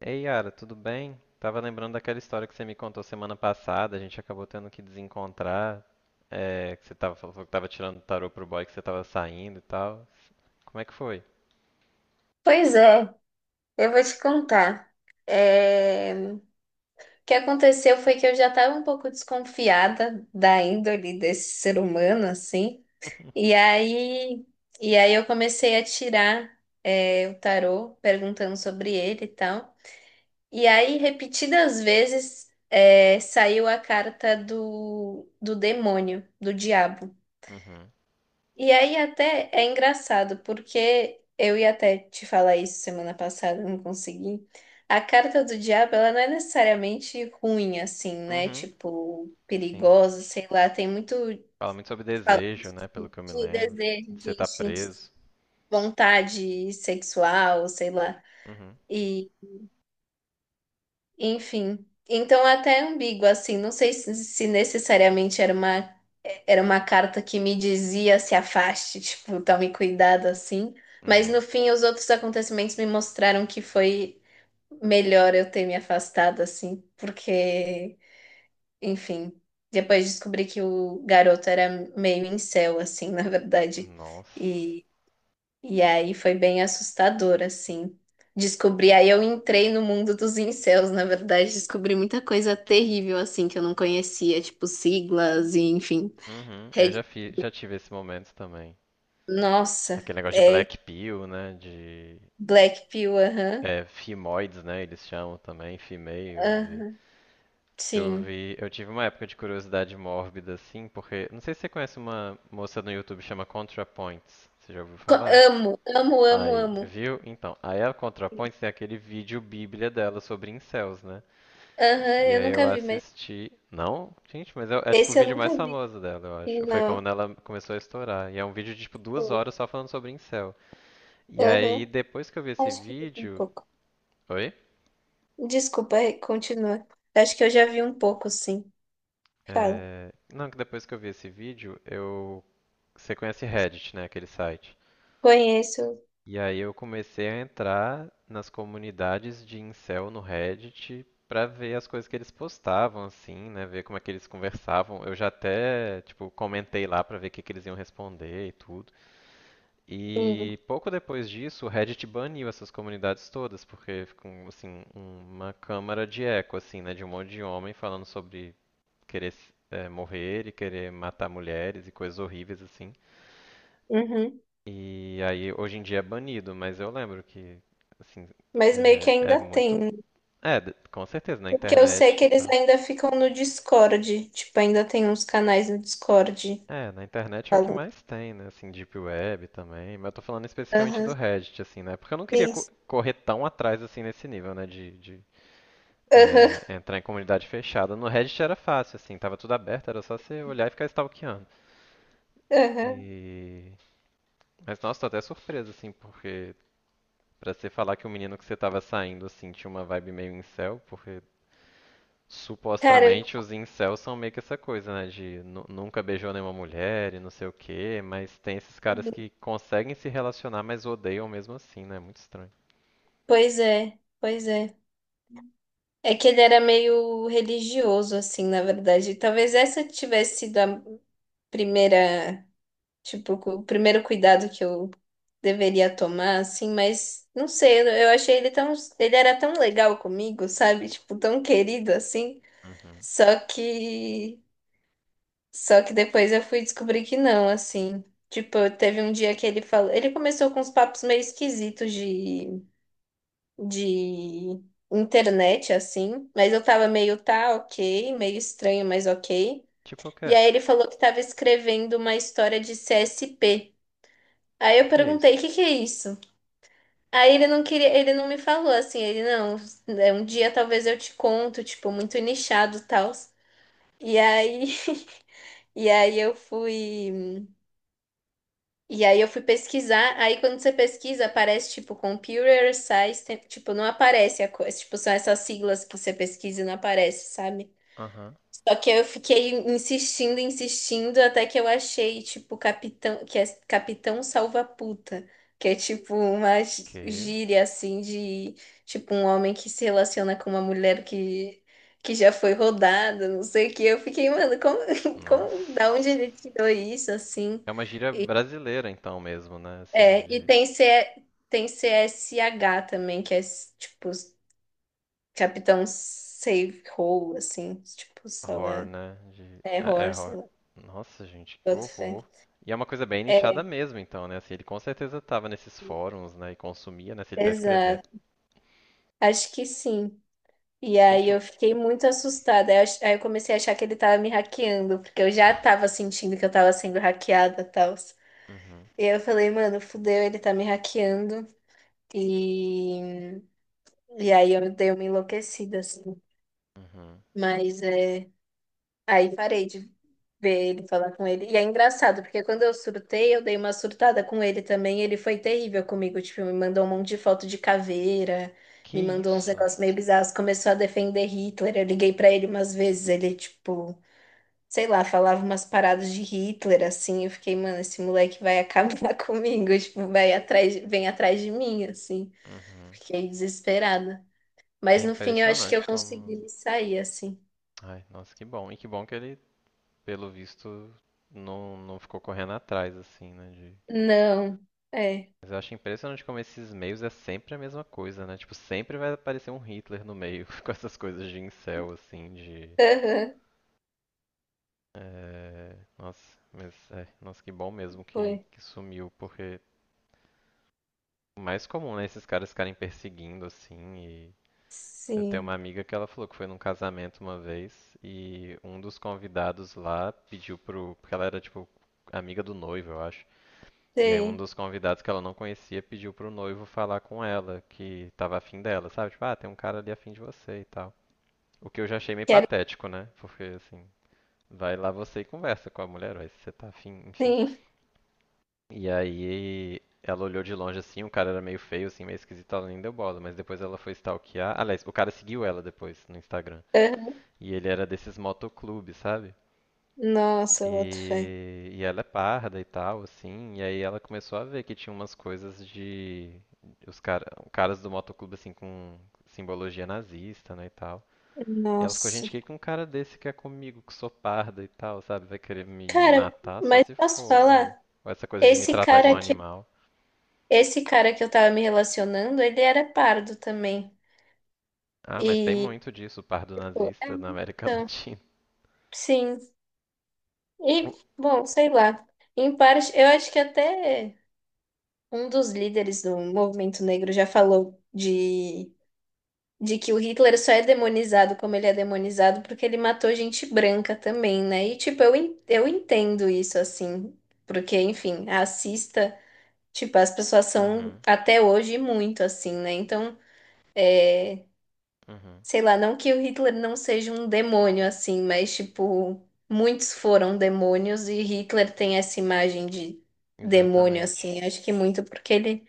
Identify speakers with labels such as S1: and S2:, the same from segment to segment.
S1: Ei, Yara, tudo bem? Tava lembrando daquela história que você me contou semana passada, a gente acabou tendo que desencontrar, que você tava, falou que tava tirando tarô pro boy que você tava saindo e tal. Como é que foi?
S2: Pois é, eu vou te contar. O que aconteceu foi que eu já estava um pouco desconfiada da índole desse ser humano, assim. E aí, e aí eu comecei a tirar, o tarô, perguntando sobre ele e tal. E aí, repetidas vezes, saiu a carta do demônio, do diabo.
S1: Uhum.
S2: E aí até é engraçado, porque eu ia até te falar isso semana passada, não consegui. A carta do diabo, ela não é necessariamente ruim, assim, né?
S1: Uhum,
S2: Tipo,
S1: sim.
S2: perigosa, sei lá. Tem muito
S1: Fala muito sobre
S2: fala
S1: desejo, né, pelo que eu me
S2: de
S1: lembro,
S2: desejo,
S1: de você
S2: de
S1: estar
S2: instinto,
S1: preso.
S2: vontade sexual, sei lá.
S1: Uhum,
S2: Enfim, então é até ambíguo assim, não sei se necessariamente era uma carta que me dizia se afaste, tipo, tome cuidado assim, mas no
S1: uhum.
S2: fim os outros acontecimentos me mostraram que foi melhor eu ter me afastado assim, porque, enfim, depois descobri que o garoto era meio incel assim, na verdade.
S1: Nossa.
S2: E aí foi bem assustador, assim. Descobri, aí eu entrei no mundo dos incels, na verdade, descobri muita coisa terrível, assim, que eu não conhecia, tipo siglas e enfim.
S1: Uhum,
S2: Red...
S1: já tive esse momento também.
S2: Nossa,
S1: Aquele negócio de
S2: é
S1: black pill, né, de...
S2: Black Pill, aham,
S1: É, femoides, né, eles chamam também, females e...
S2: aham,
S1: Eu
S2: sim.
S1: vi, eu tive uma época de curiosidade mórbida, assim, porque não sei se você conhece uma moça no YouTube que chama ContraPoints. Você já ouviu falar?
S2: Amo, amo, amo,
S1: Aí,
S2: amo.
S1: viu? Então, aí a ContraPoints tem aquele vídeo bíblia dela sobre incels, né?
S2: Aham,
S1: E
S2: eu
S1: aí eu
S2: nunca vi, mas
S1: assisti. Não? Gente, é tipo o
S2: esse eu
S1: vídeo mais
S2: nunca vi.
S1: famoso dela, eu acho. Foi
S2: Não.
S1: quando ela começou a estourar. E é um vídeo de tipo
S2: é,
S1: 2 horas só falando sobre incel. E aí
S2: Aham,
S1: depois que eu vi esse
S2: acho que eu vi um
S1: vídeo.
S2: pouco.
S1: Oi?
S2: Desculpa, continua. Acho que eu já vi um pouco, sim. Fala.
S1: Não, que depois que eu vi esse vídeo, eu. Você conhece Reddit, né? Aquele site.
S2: Conheço.
S1: E aí eu comecei a entrar nas comunidades de incel no Reddit pra ver as coisas que eles postavam, assim, né? Ver como é que eles conversavam. Eu já até, tipo, comentei lá pra ver o que que eles iam responder e tudo.
S2: Sim.
S1: E pouco depois disso, o Reddit baniu essas comunidades todas, porque ficou, assim, uma câmara de eco, assim, né? De um monte de homem falando sobre querer morrer e querer matar mulheres e coisas horríveis, assim.
S2: Uhum.
S1: E aí, hoje em dia é banido, mas eu lembro que, assim,
S2: Mas meio que
S1: é, é
S2: ainda
S1: muito.
S2: tem, né?
S1: É, de- com certeza, na
S2: Porque eu sei
S1: internet
S2: que
S1: e
S2: eles
S1: tal.
S2: ainda ficam no Discord. Tipo, ainda tem uns canais no Discord
S1: É, na internet é o que
S2: falando.
S1: mais tem, né? Assim, Deep Web também. Mas eu tô falando especificamente do
S2: Aham.
S1: Reddit, assim, né? Porque eu não queria co-
S2: Isso.
S1: correr tão atrás, assim, nesse nível, né?
S2: Aham.
S1: Entrar em comunidade fechada. No Reddit era fácil, assim, tava tudo aberto, era só você olhar e ficar stalkeando.
S2: Aham.
S1: E. Mas, nossa, tô até surpreso, assim, porque. Pra você falar que o menino que você tava saindo, assim, tinha uma vibe meio incel, porque
S2: Cara,
S1: Supostamente os incels são meio que essa coisa, né? De nu- nunca beijou nenhuma mulher e não sei o quê, mas tem esses caras que conseguem se relacionar, mas odeiam mesmo assim, né? Muito estranho.
S2: pois é. Pois é. É que ele era meio religioso, assim, na verdade. Talvez essa tivesse sido a primeira. Tipo, o primeiro cuidado que eu deveria tomar, assim, mas não sei. Eu achei ele tão. Ele era tão legal comigo, sabe? Tipo, tão querido assim.
S1: Uhum.
S2: Só que só que depois eu fui descobrir que não, assim. Tipo, teve um dia que ele falou, ele começou com uns papos meio esquisitos de internet assim, mas eu tava meio tá, OK, meio estranho, mas OK.
S1: Tipo o
S2: E
S1: quê?
S2: aí ele falou que tava escrevendo uma história de CSP. Aí
S1: O
S2: eu
S1: que é
S2: perguntei, o
S1: isso?
S2: que que é isso? Aí ele não queria, ele não me falou assim, ele não, é um dia talvez eu te conto, tipo, muito nichado e tal. E aí, e aí eu fui E aí eu fui pesquisar, aí quando você pesquisa, aparece tipo Computer Science, tipo, não aparece a coisa, tipo, são essas siglas que você pesquisa e não aparece, sabe?
S1: Aham.
S2: Só que eu fiquei insistindo, insistindo, até que eu achei, tipo, Capitão, que é Capitão Salva-Puta, que é tipo uma
S1: Que?
S2: gíria assim de tipo um homem que se relaciona com uma mulher que já foi rodada, não sei o que. Eu fiquei, mano, como,
S1: Nossa.
S2: como, da onde ele tirou isso assim?
S1: É uma gíria brasileira então mesmo, né? Assim,
S2: É, e
S1: de
S2: tem CSH também, que é tipo Capitão Save Hole, assim, tipo,
S1: horror,
S2: salva
S1: né? De... É, é
S2: terror, sei
S1: horror.
S2: lá,
S1: Nossa, gente, que
S2: boto fé.
S1: horror. E é uma coisa bem nichada mesmo, então, né? Assim, ele com certeza tava nesses fóruns, né? E consumia, né? Se ele tá escrevendo.
S2: Exato, acho que sim. E aí
S1: Gente,
S2: eu fiquei muito assustada. Aí eu comecei a achar que ele tava me hackeando, porque eu já tava sentindo que eu tava sendo hackeada e tal.
S1: uhum.
S2: E eu falei, mano, fudeu, ele tá me hackeando. E, e aí eu dei uma enlouquecida, assim.
S1: Uhum.
S2: Mas é... aí parei de ver ele, falar com ele. E é engraçado, porque quando eu surtei, eu dei uma surtada com ele também. Ele foi terrível comigo, tipo, me mandou um monte de foto de caveira,
S1: Que
S2: me mandou uns
S1: isso?
S2: negócios meio bizarros, começou a defender Hitler. Eu liguei pra ele umas vezes, ele, tipo, sei lá, falava umas paradas de Hitler, assim. Eu fiquei, mano, esse moleque vai acabar comigo, tipo, vem atrás de mim, assim.
S1: Uhum.
S2: Fiquei desesperada.
S1: É
S2: Mas no fim eu acho que
S1: impressionante
S2: eu consegui
S1: como.
S2: me sair, assim.
S1: Ai, nossa, que bom. E que bom que ele, pelo visto, não ficou correndo atrás, assim, né? de-
S2: Não, é.
S1: Mas eu acho impressionante como esses meios é sempre a mesma coisa, né? Tipo, sempre vai aparecer um Hitler no meio com essas coisas de incel, assim, de.
S2: Aham,
S1: Nossa, nossa, que bom mesmo
S2: foi.
S1: que sumiu, porque o mais comum, né? Esses caras ficarem perseguindo, assim, e Eu tenho uma
S2: Sim.
S1: amiga que ela falou que foi num casamento uma vez e um dos convidados lá pediu pro. Porque ela era tipo amiga do noivo, eu acho. E aí um
S2: Sei.
S1: dos convidados que ela não conhecia pediu pro noivo falar com ela, que tava afim dela, sabe? Tipo, ah, tem um cara ali afim de você e tal. O que eu já achei meio
S2: Quero
S1: patético, né? Porque assim, vai lá você e conversa com a mulher, vai, se você tá afim, enfim.
S2: sim.
S1: E aí ela olhou de longe assim, o cara era meio feio, assim, meio esquisito, ela nem deu bola, mas depois ela foi stalkear. Aliás, o cara seguiu ela depois no Instagram.
S2: Aham.
S1: E ele era desses motoclubes, sabe?
S2: Nossa, boto fé.
S1: E ela é parda e tal, assim. E aí ela começou a ver que tinha umas coisas de. Os cara, caras do motoclube, assim, com simbologia nazista, né, e tal. E ela ficou, gente,
S2: Nossa.
S1: o que que um cara desse quer comigo, que sou parda e tal, sabe? Vai querer me
S2: Cara,
S1: matar só
S2: mas
S1: se
S2: posso
S1: for. Ou
S2: falar?
S1: essa coisa de me
S2: Esse
S1: tratar igual
S2: cara
S1: um
S2: que,
S1: animal.
S2: esse cara que eu tava me relacionando, ele era pardo também.
S1: Ah, mas tem
S2: E,
S1: muito disso, pardo
S2: tipo, é,
S1: nazista na América
S2: então,
S1: Latina.
S2: sim. E, bom, sei lá. Em parte, eu acho que até um dos líderes do movimento negro já falou de que o Hitler só é demonizado como ele é demonizado porque ele matou gente branca também, né? E, tipo, eu entendo isso, assim, porque, enfim, racista, tipo, as pessoas são
S1: Uhum,
S2: até hoje muito assim, né? Então, é,
S1: uhum,
S2: sei lá, não que o Hitler não seja um demônio, assim, mas, tipo, muitos foram demônios e Hitler tem essa imagem de demônio,
S1: exatamente.
S2: assim, acho que muito porque ele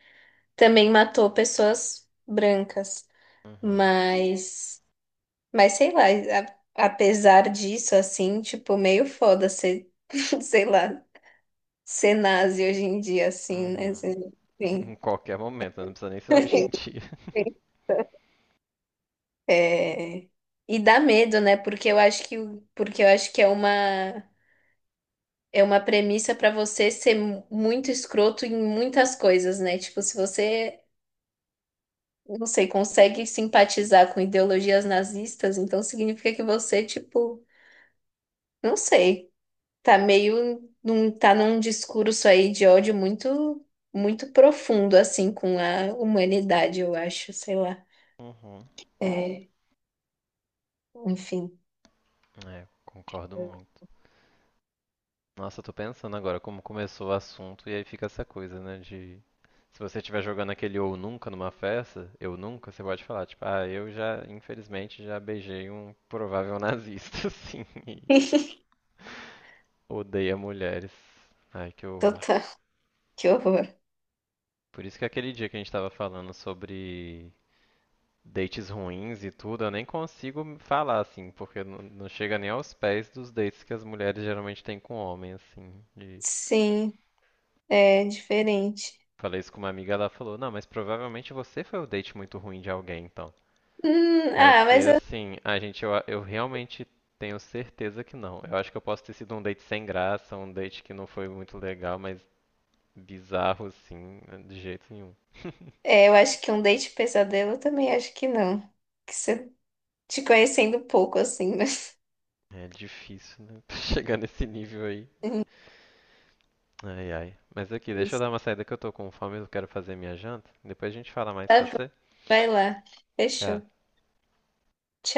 S2: também matou pessoas brancas.
S1: Uhum,
S2: Mas mas sei lá, apesar disso, assim, tipo, meio foda ser, sei lá, ser nazi hoje em dia, assim, né?
S1: uhum. Em
S2: Enfim.
S1: qualquer momento, né? Não precisa nem ser hoje em dia.
S2: É, e dá medo, né? Porque eu acho porque eu acho que é uma premissa para você ser muito escroto em muitas coisas, né? Tipo, se você, não sei, consegue simpatizar com ideologias nazistas, então significa que você, tipo, não sei. Tá tá num discurso aí de ódio muito profundo assim com a humanidade, eu acho, sei lá.
S1: Uhum.
S2: É, enfim,
S1: É, concordo muito. Nossa, eu tô pensando agora como começou o assunto e aí fica essa coisa, né, de se você estiver jogando aquele ou nunca numa festa, eu nunca, você pode falar, tipo, ah, eu já, infelizmente, já beijei um provável nazista, assim, e odeia mulheres. Ai, que horror.
S2: total, que horror.
S1: Por isso que é aquele dia que a gente tava falando sobre dates ruins e tudo, eu nem consigo falar assim, porque não chega nem aos pés dos dates que as mulheres geralmente têm com homem, assim. De-
S2: Sim, é diferente.
S1: Falei isso com uma amiga, ela falou: Não, mas provavelmente você foi o date muito ruim de alguém, então. Aí eu
S2: Ah,
S1: fiquei
S2: mas eu,
S1: assim: Ah, gente, eu realmente tenho certeza que não. Eu acho que eu posso ter sido um date sem graça, um date que não foi muito legal, mas bizarro, assim, de jeito nenhum.
S2: é, eu acho que um date pesadelo eu também acho que não. Que você te conhecendo pouco assim, mas
S1: É difícil, né? Chegar nesse nível aí.
S2: Hum,
S1: Ai, ai. Mas aqui, deixa eu dar
S2: isso.
S1: uma saída que eu tô com fome, e eu quero fazer minha janta. Depois a gente fala mais,
S2: Tá
S1: pode
S2: bom,
S1: ser?
S2: vai lá. Fechou.
S1: Tchau.
S2: Tchau.